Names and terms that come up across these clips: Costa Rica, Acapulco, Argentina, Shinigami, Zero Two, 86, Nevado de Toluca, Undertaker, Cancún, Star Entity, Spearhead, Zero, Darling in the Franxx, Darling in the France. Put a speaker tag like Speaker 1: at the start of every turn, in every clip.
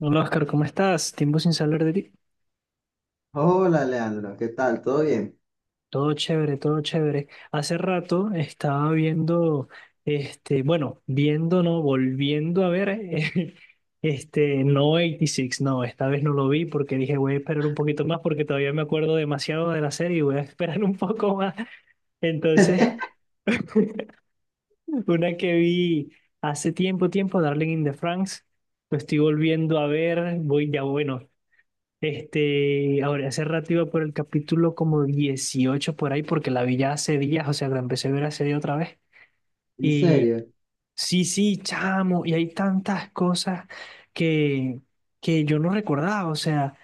Speaker 1: Hola Oscar, ¿cómo estás? Tiempo sin saber de ti.
Speaker 2: Hola Leandro, ¿qué tal? ¿Todo bien?
Speaker 1: Todo chévere, todo chévere. Hace rato estaba viendo, este, bueno, viendo, no, volviendo a ver, este, no 86, no, esta vez no lo vi porque dije voy a esperar un poquito más porque todavía me acuerdo demasiado de la serie y voy a esperar un poco más. Entonces, una que vi hace tiempo, tiempo, Darling in the Franxx, lo estoy volviendo a ver, voy ya, bueno, este, ahora, hace rato iba por el capítulo como 18 por ahí, porque la vi ya hace días, o sea, la empecé a ver hace día otra vez.
Speaker 2: ¿En
Speaker 1: Y
Speaker 2: serio?
Speaker 1: sí, sí, chamo, y hay tantas cosas que, que yo no recordaba, o sea,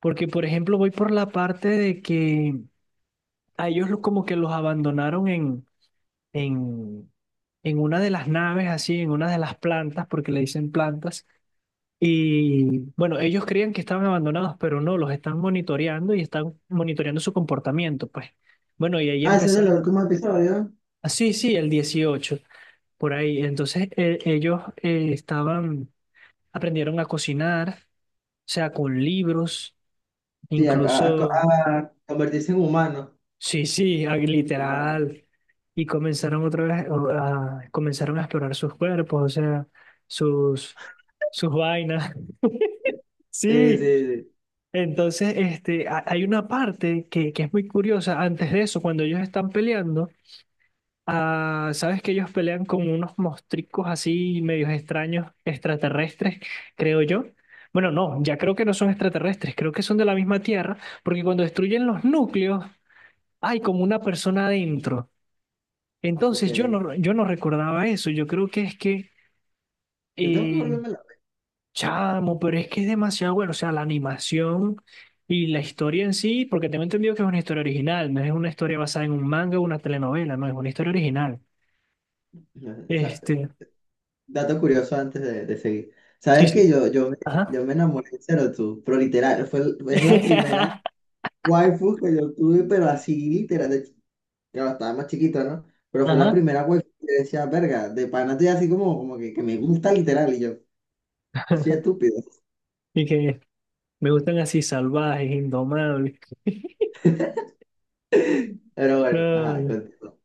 Speaker 1: porque por ejemplo voy por la parte de que a ellos lo- como que los abandonaron en, en una de las naves, así, en una de las plantas, porque le dicen plantas. Y bueno, ellos creían que estaban abandonados, pero no, los están monitoreando y están monitoreando su comportamiento, pues. Bueno, y ahí
Speaker 2: Ah, ese es el
Speaker 1: empezaron.
Speaker 2: último episodio.
Speaker 1: Ah, sí, sí, el 18 por ahí. Entonces, ellos estaban, aprendieron a cocinar, o sea, con libros,
Speaker 2: Sí, a, a-
Speaker 1: incluso,
Speaker 2: a- a convertirse en humano.
Speaker 1: sí, sí, ah,
Speaker 2: Humano.
Speaker 1: literal. Y comenzaron otra vez, o, a- comenzaron a explorar sus cuerpos, o sea, sus, sus vainas.
Speaker 2: Sí, sí,
Speaker 1: Sí,
Speaker 2: sí.
Speaker 1: entonces, este, ha- hay una parte que es muy curiosa. Antes de eso, cuando ellos están peleando, ah, sabes que ellos pelean con unos mostricos así medios extraños, extraterrestres, creo yo. Bueno, no, ya creo que no son extraterrestres, creo que son de la misma Tierra, porque cuando destruyen los núcleos, hay como una persona adentro.
Speaker 2: Ok.
Speaker 1: Entonces, yo no, yo no recordaba eso. Yo creo que es que
Speaker 2: Yo tengo que
Speaker 1: eh,
Speaker 2: volverme la.
Speaker 1: chamo, pero es que es demasiado bueno. O sea, la animación y la historia en sí, porque tengo entendido que es una historia original, no es una historia basada en un manga o una telenovela, no, es una historia original.
Speaker 2: No.
Speaker 1: Este,
Speaker 2: Dato curioso antes de seguir.
Speaker 1: sí,
Speaker 2: ¿Sabes
Speaker 1: sí.
Speaker 2: que yo, yo, me,
Speaker 1: Ajá.
Speaker 2: yo me enamoré de Zero? Pero literal, es la primera waifu que yo tuve, pero así literal. Claro, estaba más chiquito, ¿no? Pero fue la
Speaker 1: Ajá.
Speaker 2: primera waifu que decía, verga, de pana estoy así como que me gusta literal. Y yo, sí, estúpido.
Speaker 1: Y que me gustan así salvajes, indomables.
Speaker 2: Pero bueno, ajá,
Speaker 1: No,
Speaker 2: continúo.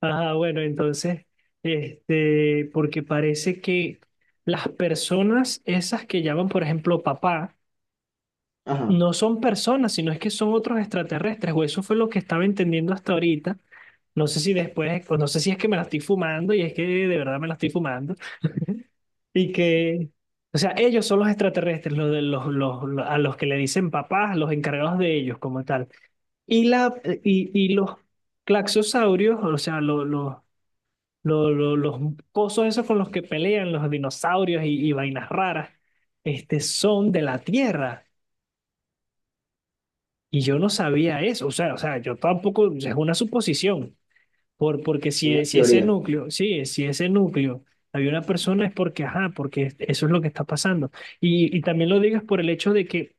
Speaker 1: ajá, bueno, entonces, este, porque parece que las personas esas que llaman, por ejemplo, papá,
Speaker 2: Ajá,
Speaker 1: no son personas, sino es que son otros extraterrestres, o eso fue lo que estaba entendiendo hasta ahorita. No sé si después, o no sé si es que me la estoy fumando y es que de verdad me la estoy fumando. Y que, o sea, ellos son los extraterrestres, los, de- los- a los que le dicen papás, los encargados de ellos como tal. Y, la, y los claxosaurios, o sea, los cosos esos con los que pelean los dinosaurios y vainas raras, este, son de la Tierra. Y yo no sabía eso, o sea, yo tampoco, o sea, es una suposición, por, porque si,
Speaker 2: una
Speaker 1: si ese
Speaker 2: teoría.
Speaker 1: núcleo, sí, si ese núcleo había una persona es porque, ajá, porque es- eso es lo que está pasando. Y también lo digas por el hecho de que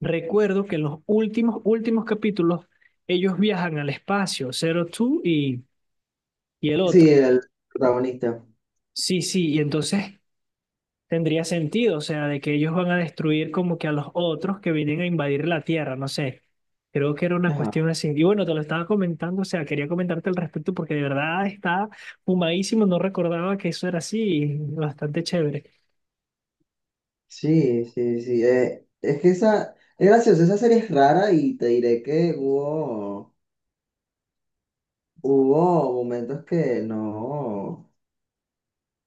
Speaker 1: recuerdo que en los últimos capítulos ellos viajan al espacio, Zero Two y el
Speaker 2: Sí,
Speaker 1: otro.
Speaker 2: el protagonista.
Speaker 1: Sí, sí, y entonces tendría sentido, o sea, de que ellos van a destruir como que a los otros que vienen a invadir la Tierra, no sé. Creo que era una cuestión
Speaker 2: Ajá.
Speaker 1: así. Y bueno, te lo estaba comentando, o sea, quería comentarte al respecto porque de verdad está fumadísimo, no recordaba que eso era así, y bastante chévere.
Speaker 2: Sí, sí, sí. Es que esa, es gracioso, esa serie es rara y te diré que hubo, momentos que no,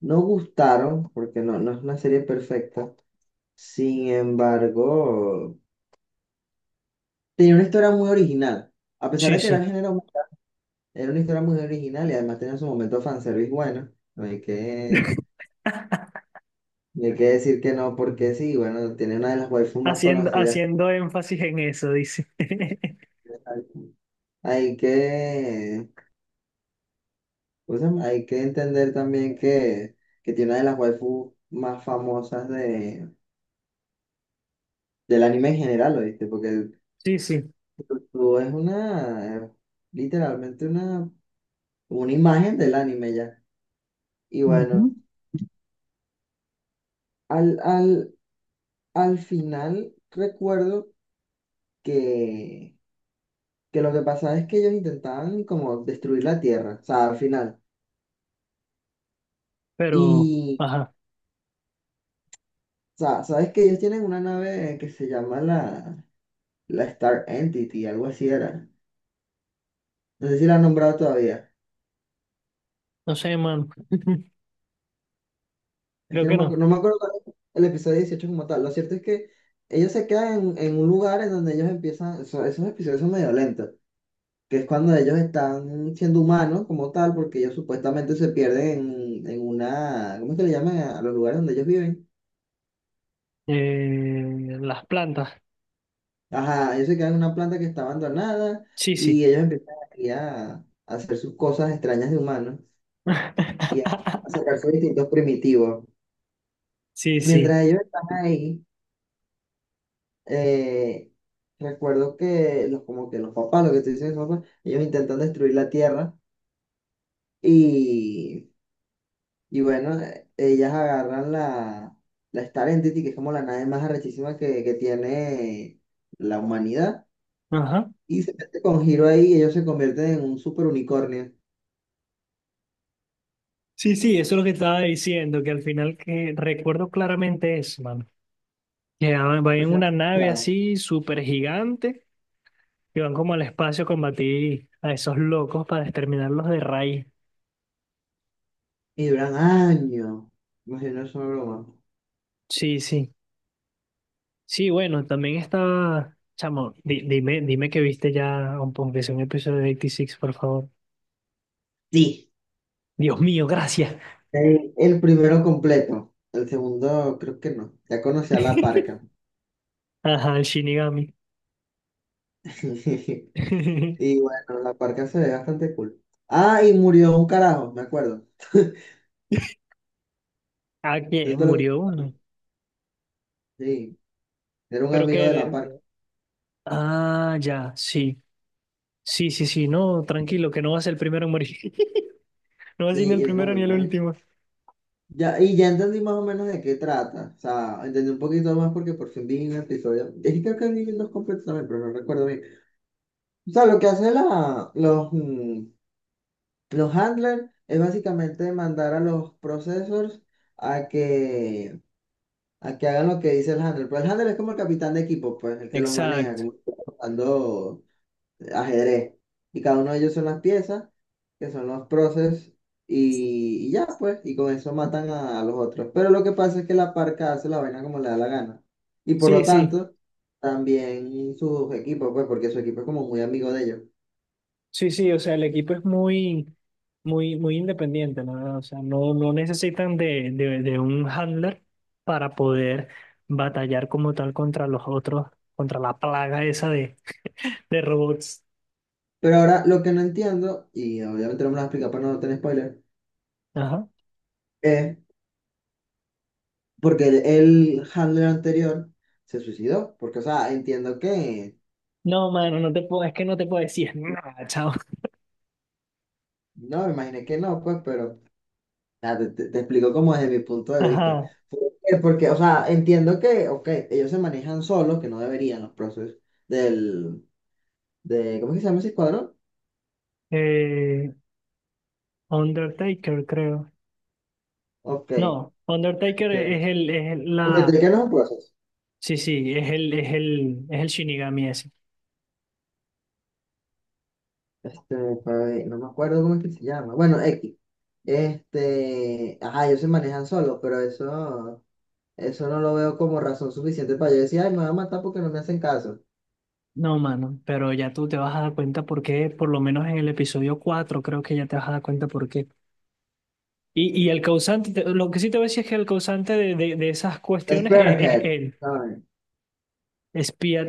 Speaker 2: no gustaron, porque no, no es una serie perfecta. Sin embargo, tenía una historia muy original. A pesar
Speaker 1: Sí,
Speaker 2: de que era
Speaker 1: sí.
Speaker 2: el género, era una historia muy original y además tenía su momento fanservice bueno. No hay que. Y hay que decir que no, porque sí, bueno, tiene una de las waifus más
Speaker 1: Haciendo,
Speaker 2: conocidas.
Speaker 1: haciendo énfasis en eso, dice.
Speaker 2: Que Hay Hay que, ¿cómo se llama? Hay que entender también que tiene una de las waifus más famosas del anime en general, ¿oíste? Porque
Speaker 1: Sí, sí.
Speaker 2: tú es una, literalmente una imagen del anime ya. Y
Speaker 1: Ujú.
Speaker 2: bueno, al, al, al final recuerdo que, que lo que pasaba es que ellos intentaban como destruir la Tierra, o sea, al final.
Speaker 1: Pero,
Speaker 2: Y
Speaker 1: ajá,
Speaker 2: sea, sabes que ellos tienen una nave que se llama la Star Entity, algo así era. No sé si la han nombrado todavía.
Speaker 1: no sé, man.
Speaker 2: Es
Speaker 1: Creo
Speaker 2: que
Speaker 1: que no.
Speaker 2: no me acuerdo cuál es el episodio 18 como tal. Lo cierto es que ellos se quedan en un lugar en donde ellos empiezan, esos episodios son medio lentos, que es cuando ellos están siendo humanos como tal, porque ellos supuestamente se pierden en una, ¿cómo es que le llaman a los lugares donde ellos viven?
Speaker 1: Las plantas.
Speaker 2: Ajá, ellos se quedan en una planta que está abandonada
Speaker 1: Sí, sí.
Speaker 2: y ellos empiezan ahí a hacer sus cosas extrañas de humanos. Y a sacar sus distintos primitivos.
Speaker 1: Sí, sí.
Speaker 2: Mientras ellos están ahí, eh, recuerdo que los, como que los papás, lo que estoy diciendo, papás, ellos intentan destruir la Tierra, y, y bueno, ellas agarran la Star Entity, que es como la nave más arrechísima que tiene la humanidad,
Speaker 1: Ajá.
Speaker 2: y se mete con giro ahí y ellos se convierten en un super unicornio.
Speaker 1: Sí, sí, eso es lo que estaba diciendo, que al final que recuerdo claramente eso, mano. Que ah, van
Speaker 2: Al
Speaker 1: en
Speaker 2: final,
Speaker 1: una nave
Speaker 2: claro,
Speaker 1: así súper gigante y van como al espacio a combatir a esos locos para exterminarlos de raíz.
Speaker 2: y duran años. Imagino, es una broma.
Speaker 1: Sí, sí. Sí, bueno, también estaba, chamo, di- dime, dime que viste ya, aunque sea un episodio de 86, por favor.
Speaker 2: Sí.
Speaker 1: Dios mío, gracias.
Speaker 2: El primero completo, el segundo creo que no. Ya conocí a la parca.
Speaker 1: Ajá, el Shinigami.
Speaker 2: Y bueno, la parca se ve bastante cool. Ah, y murió un carajo, me acuerdo.
Speaker 1: Ah,
Speaker 2: Eso
Speaker 1: que
Speaker 2: es todo lo
Speaker 1: murió
Speaker 2: que.
Speaker 1: uno.
Speaker 2: Sí, era un
Speaker 1: Pero que...
Speaker 2: amigo de la parca.
Speaker 1: de- ah, ya, sí. Sí, sí, sí, no, tranquilo, que no vas el primero en morir. No vas a ser ni el
Speaker 2: Y no,
Speaker 1: primero
Speaker 2: me
Speaker 1: ni el
Speaker 2: imagino.
Speaker 1: último.
Speaker 2: Ya, y ya entendí más o menos de qué trata. O sea, entendí un poquito más porque por fin vi un episodio. Es que creo que vi dos completos también, pero no recuerdo bien. O sea, lo que hacen los handlers es básicamente mandar a los processors a que a que hagan lo que dice el handler. Pero el handler es como el capitán de equipo, pues, el que los maneja,
Speaker 1: Exacto.
Speaker 2: como que está jugando ajedrez. Y cada uno de ellos son las piezas, que son los proces, y ya, pues, y con eso matan a los otros. Pero lo que pasa es que la parca hace la vaina como le da la gana. Y por lo
Speaker 1: Sí, sí,
Speaker 2: tanto, también sus equipos, pues, porque su equipo es como muy amigo de ellos.
Speaker 1: sí, sí, o sea, el equipo es muy, muy, muy independiente, la verdad. O sea, no, no necesitan de un handler para poder batallar como tal contra los otros, contra la plaga esa de robots.
Speaker 2: Pero ahora lo que no entiendo, y obviamente no me lo explica para no tener spoiler,
Speaker 1: Ajá.
Speaker 2: es porque el handler anterior se suicidó. Porque, o sea, entiendo que.
Speaker 1: No, mano, no te puedo, es que no te puedo decir nada, chao.
Speaker 2: No, me imaginé que no, pues, pero nada, te explico como desde mi punto de vista.
Speaker 1: Ajá.
Speaker 2: porque Porque, o sea, entiendo que, ok, ellos se manejan solos, que no deberían los procesos del, de, ¿cómo es que se llama ese escuadrón?
Speaker 1: Eh, Undertaker, creo.
Speaker 2: Ok,
Speaker 1: No, Undertaker
Speaker 2: este
Speaker 1: es el-
Speaker 2: un
Speaker 1: la,
Speaker 2: detective no es un proceso.
Speaker 1: sí, sí, es el, es el, es el Shinigami ese.
Speaker 2: Este, pues, no me acuerdo cómo es que se llama. Bueno, X. Ajá, ellos se manejan solos, pero eso no lo veo como razón suficiente para yo decir, ay, me van a matar porque no me hacen caso.
Speaker 1: No, mano, pero ya tú te vas a dar cuenta por qué, por lo menos en el episodio 4 creo que ya te vas a dar cuenta por qué. Y el causante, te- lo que sí te voy a decir es que el causante de esas cuestiones es
Speaker 2: Spearhead,
Speaker 1: él,
Speaker 2: ¿saben?
Speaker 1: espía.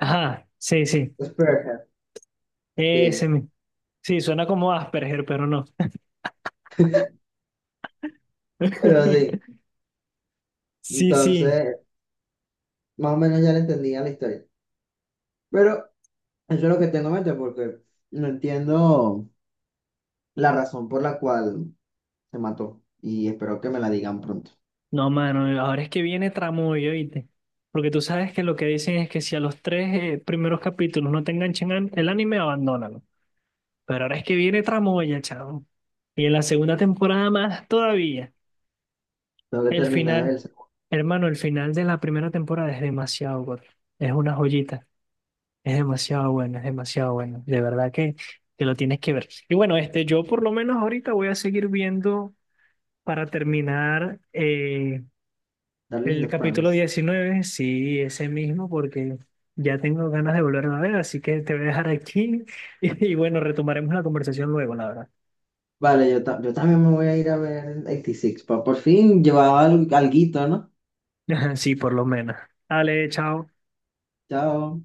Speaker 1: Ajá, sí, sí,
Speaker 2: Spearhead,
Speaker 1: ese,
Speaker 2: sí.
Speaker 1: mi- sí, suena como Asperger, pero no.
Speaker 2: Pero sí.
Speaker 1: Sí, sí.
Speaker 2: Entonces, más o menos ya le entendía la historia. Pero eso es lo que tengo en mente porque no entiendo la razón por la cual se mató. Y espero que me la digan pronto.
Speaker 1: No, mano, ahora es que viene tramoyo, ¿viste? Porque tú sabes que lo que dicen es que si a los tres primeros capítulos no te enganchan an- el anime, abandónalo. Pero ahora es que viene tramoya, chavo. Y en la segunda temporada más todavía.
Speaker 2: Tengo que
Speaker 1: El
Speaker 2: terminar
Speaker 1: final,
Speaker 2: el
Speaker 1: hermano, el final de la primera temporada es demasiado bueno. Es una joyita. Es demasiado bueno, es demasiado bueno. De verdad que lo tienes que ver. Y bueno, este, yo por lo menos ahorita voy a seguir viendo para terminar.
Speaker 2: Darling in
Speaker 1: El
Speaker 2: the
Speaker 1: capítulo
Speaker 2: France.
Speaker 1: 19 sí, ese mismo, porque ya tengo ganas de volverlo a ver, así que te voy a dejar aquí y bueno, retomaremos la conversación luego, la verdad.
Speaker 2: Vale, yo también me voy a ir a ver 86. Pa por fin llevaba algo, alguito, ¿no?
Speaker 1: Sí, por lo menos. Dale, chao.
Speaker 2: Chao.